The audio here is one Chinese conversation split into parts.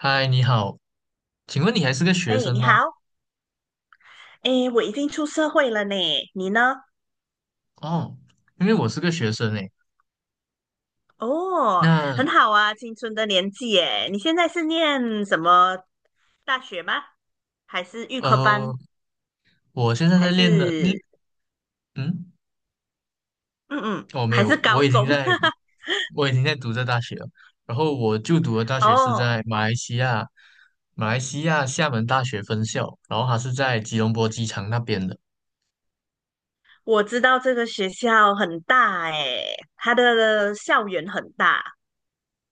嗨，你好，请问你还是个学哎，生你吗？好，哎，我已经出社会了呢，你呢？哦，因为我是个学生诶。哦，那很好啊，青春的年纪耶。你现在是念什么大学吗？还是预科班？呃，我现在还在练的，是嗯嗯嗯，我没还有，是高中？我已经在读这大学了。然后我就读的大学是哦，在马来西亚，马来西亚厦门大学分校，然后它是在吉隆坡机场那边的。我知道这个学校很大哎，它的校园很大，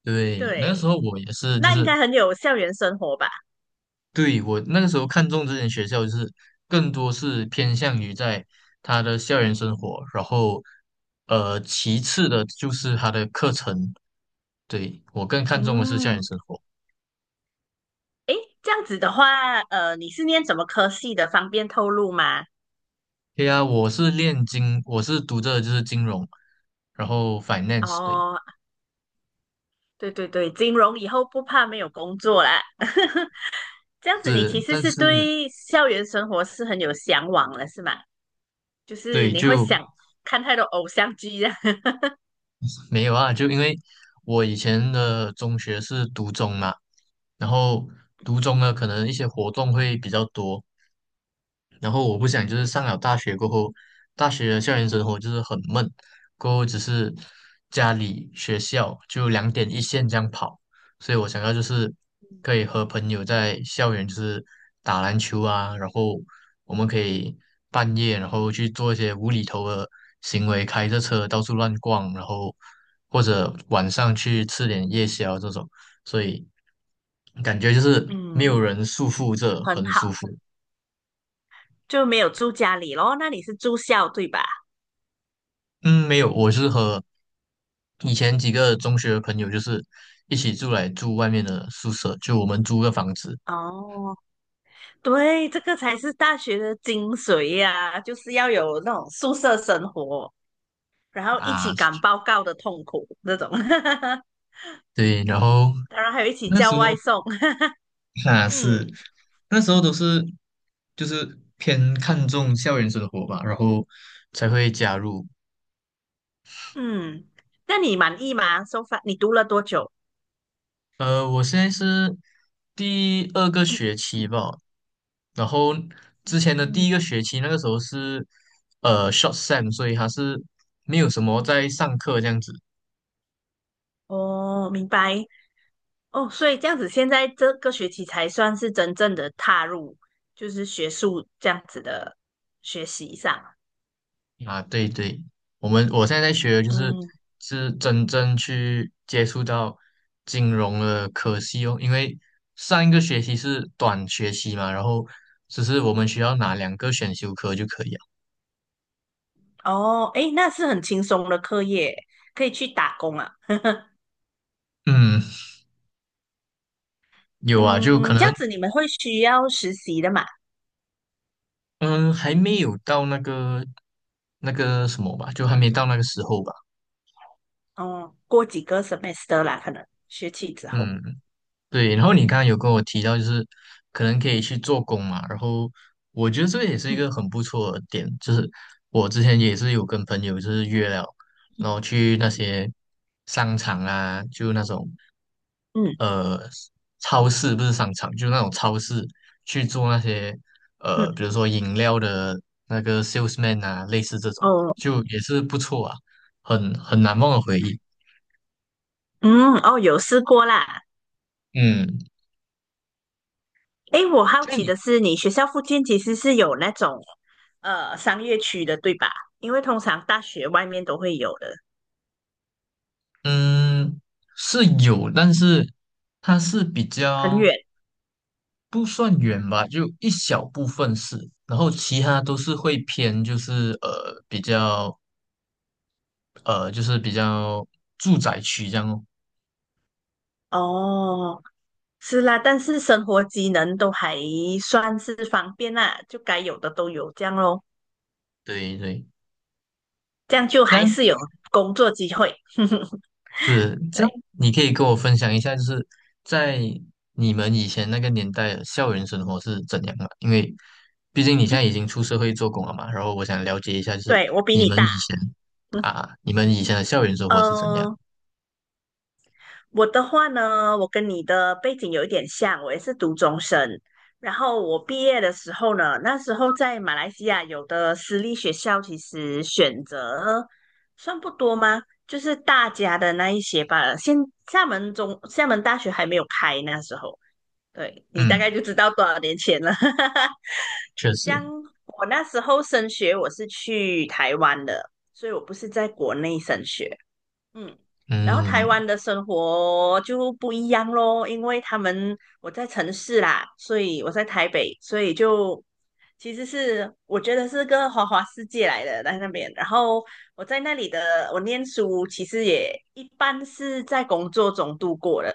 对，那个时对，候我也是，就那应是该很有校园生活吧？对，我那个时候看中这间学校，就是更多是偏向于在他的校园生活，然后其次的就是他的课程。对，我更看重的是校园嗯，生活。哎，这样子的话，你是念什么科系的？方便透露吗？对呀，我是读着就是金融，然后 finance，对，哦，对对对，金融以后不怕没有工作啦。这样子，你其是，实但是是对校园生活是很有向往了，是吗？就是对你会就想看太多偶像剧啊。没有啊，就因为我以前的中学是读中嘛，然后读中呢，可能一些活动会比较多。然后我不想就是嗯上了大学过后，大学的校园生活就是很闷，过后只是家里学校就两点一线这样跑，所以我想要就是可以和朋友在校园就是打篮球啊，然后我们可以半夜然后去做一些无厘头的行为，开着车到处乱逛，然后或者晚上去吃点夜宵这种，所以感觉就是没嗯，有嗯，人束缚着，很很好，舒服。就没有住家里咯。那你是住校对吧？嗯，没有，我是和以前几个中学的朋友，就是一起住来住外面的宿舍，就我们租个房子哦，对，这个才是大学的精髓呀、就是要有那种宿舍生活，然后一啊。起赶报告的痛苦那种，对，然后当然还有一起那叫时外候送。啊是嗯，都是就是偏看重校园生活吧，然后才会加入。嗯，那你满意吗？So far，你读了多久？我现在是第二个学期吧，然后之前的第嗯，一个学期那个时候是short sem,所以它是没有什么在上课这样子。哦，明白。哦，所以这样子，现在这个学期才算是真正的踏入，就是学术这样子的学习上。啊，对对，我现在在学的就是嗯，是真正去接触到金融的科系哦，因为上一个学期是短学期嘛，然后只是我们需要拿两个选修课就可以了。哦，诶，那是很轻松的课业，可以去打工啊。嗯，有啊，就可嗯，这能样子你们会需要实习的嘛？嗯还没有到那个那个什么吧，就还没到那个时候吧。哦，过几个 semester 啦，可能学期之后。嗯。对，然后你刚刚有跟我提到，就是可能可以去做工嘛，然后我觉得这个也是一个嗯很不错的点，就是我之前也是有跟朋友就是约了，然后去那嗯些商场啊，就那种嗯，呃超市，不是商场，就那种超市去做那些嗯比如说饮料的那个 salesman 啊，类似这种，哦就也是不错啊，很难忘的回忆。嗯哦，有试过啦。嗯，哎，我好这样奇你的是，你学校附近其实是有那种商业区的，对吧？因为通常大学外面都会有的，嗯，是有，但是它是比很较远。不算远吧，就一小部分是，然后其他都是会偏，就是比较呃就是比较住宅区这样哦。哦，是啦，但是生活机能都还算是方便啦，就该有的都有，这样咯，对对，这样就还但是有工作机会。是这样，对，你可以跟我分享一下，就是在你们以前那个年代的校园生活是怎样的？因为毕竟你现嗯在已经出社会做工了嘛，然后我想了解一下，就是对，我比你你们大。以前你们以前的校园生活是怎样的？嗯，我的话呢，我跟你的背景有一点像，我也是读中生。然后我毕业的时候呢，那时候在马来西亚有的私立学校其实选择算不多吗？就是大家的那一些吧。现厦门大学还没有开，那时候，对，你大概嗯，就知道多少年前了。确实，这样，我那时候升学我是去台湾的，所以我不是在国内升学。嗯，然后台嗯湾的生活就不一样咯，因为我在城市啦，所以我在台北，所以就其实是我觉得是个花花世界来的在那边。然后我在那里的我念书，其实也一般是在工作中度过的。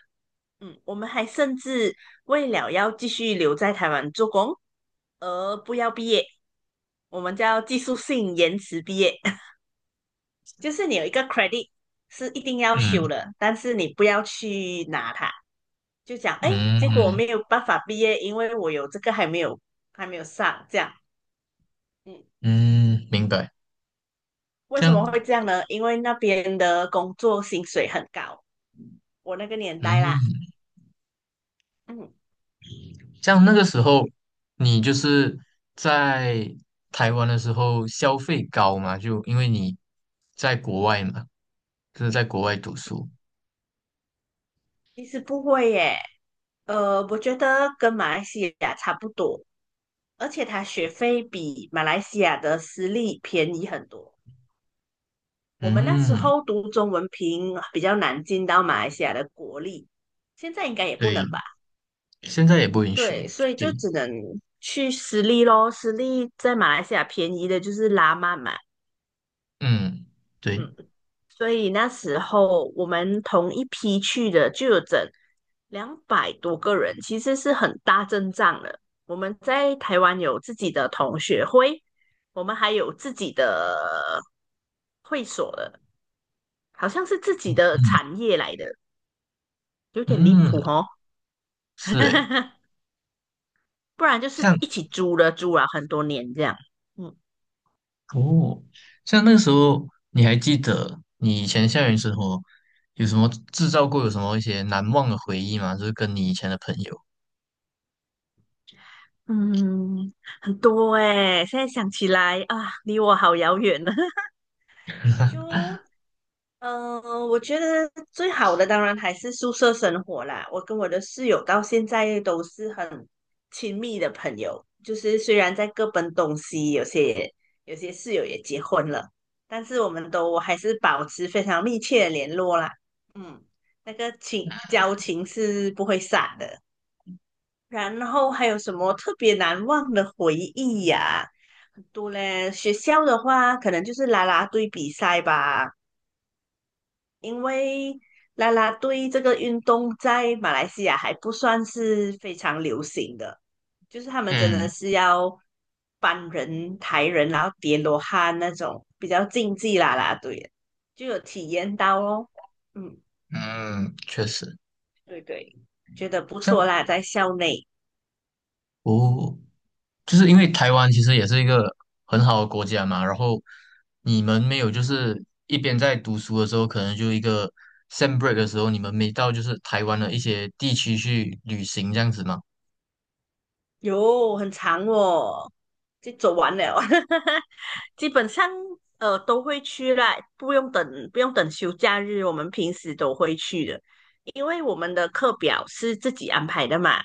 嗯，我们还甚至为了要继续留在台湾做工而不要毕业，我们叫技术性延迟毕业。就是你有一个 credit 是一定要修嗯的，但是你不要去拿它，就讲哎，结果我嗯没有办法毕业，因为我有这个还没有上，这样，嗯，嗯，明白。为这什样，么会这样呢？因为那边的工作薪水很高，我那个年代啦，嗯，嗯，这样那个时候你就是在台湾的时候消费高嘛，就因为你在国外嘛，就是在国外读书。其实不会耶，我觉得跟马来西亚差不多，而且它学费比马来西亚的私立便宜很多。我们那时嗯，候读中文凭比较难进到马来西亚的国立，现在应该也不能对，吧？现在也不允许。对，所以就对，只能去私立咯。私立在马来西亚便宜的就是拉曼嘛，嗯，对，嗯，所以那时候我们同一批去的就有整200多个人，其实是很大阵仗的。我们在台湾有自己的同学会，我们还有自己的会所的，好像是自己的嗯产业来的。有点离嗯，谱哦，是诶，不然就是这样。一起租了很多年这样。嗯哦，像那个时候，你还记得你以前校园生活有什么制造过有什么一些难忘的回忆吗？就是跟你以前的朋友。嗯，很多哎、现在想起来啊，离我好遥远呢。就嗯，我觉得最好的当然还是宿舍生活啦。我跟我的室友到现在都是很亲密的朋友，就是虽然在各奔东西，有些室友也结婚了，但是我们都还是保持非常密切的联络啦。嗯，那个情交情是不会散的。然后还有什么特别难忘的回忆呀、很多嘞。学校的话，可能就是啦啦队比赛吧。因为啦啦队这个运动在马来西亚还不算是非常流行的，就是他们真的嗯是要搬人、抬人，然后叠罗汉那种比较竞技啦啦队，就有体验到哦。嗯，嗯，确实，对对。觉得不错像啦，在校内。哦，就是因为台湾其实也是一个很好的国家嘛，然后你们没有就是一边在读书的时候，可能就一个 sem break 的时候，你们没到就是台湾的一些地区去旅行这样子吗？有很长哦，就走完了，基本上都会去啦，不用等休假日，我们平时都会去的，因为我们的课表是自己安排的嘛，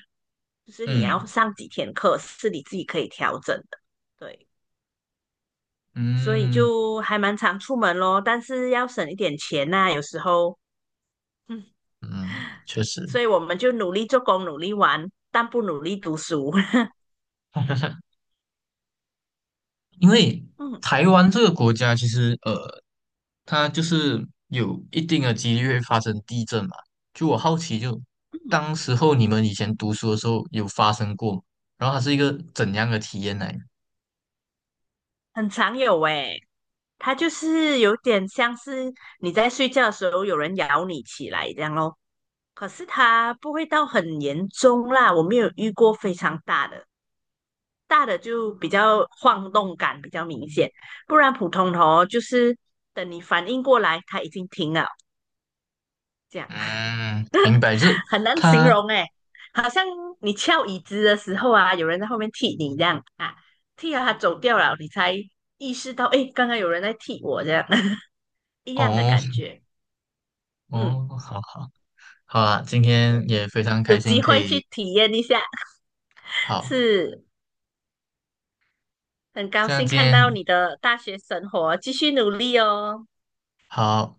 就是你要嗯上几天课是你自己可以调整的，对，所以嗯就还蛮常出门咯，但是要省一点钱呐、有时候，嗯，嗯，确所实。以我们就努力做工，努力玩，但不努力读书，因为嗯，台湾这个国家其实它就是有一定的几率会发生地震嘛。就我好奇就，嗯当时候你们以前读书的时候有发生过吗？然后它是一个怎样的体验呢？很常有诶、它就是有点像是你在睡觉的时候有人咬你起来这样咯。可是它不会到很严重啦，我没有遇过非常大的，大的就比较晃动感比较明显，不然普通的哦，就是等你反应过来，它已经停了，这样 嗯，明白，就是 很难形它容诶，好像你翘椅子的时候啊，有人在后面踢你这样啊，踢了它走掉了，你才意识到，诶，刚刚有人在踢我这样 一样的哦感觉，嗯。哦，好好好啊，今天对。也非常有开心机可会去以体验一下，好，是很高像兴今看到天。你的大学生活，继续努力哦，好，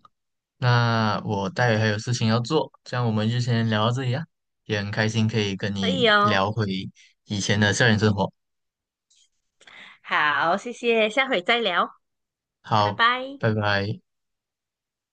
那我待会还有事情要做，这样我们就先聊到这里啊。也很开心可以跟可以你哦，聊回以前的校园生活。好，谢谢，下回再聊，拜好，拜。拜拜。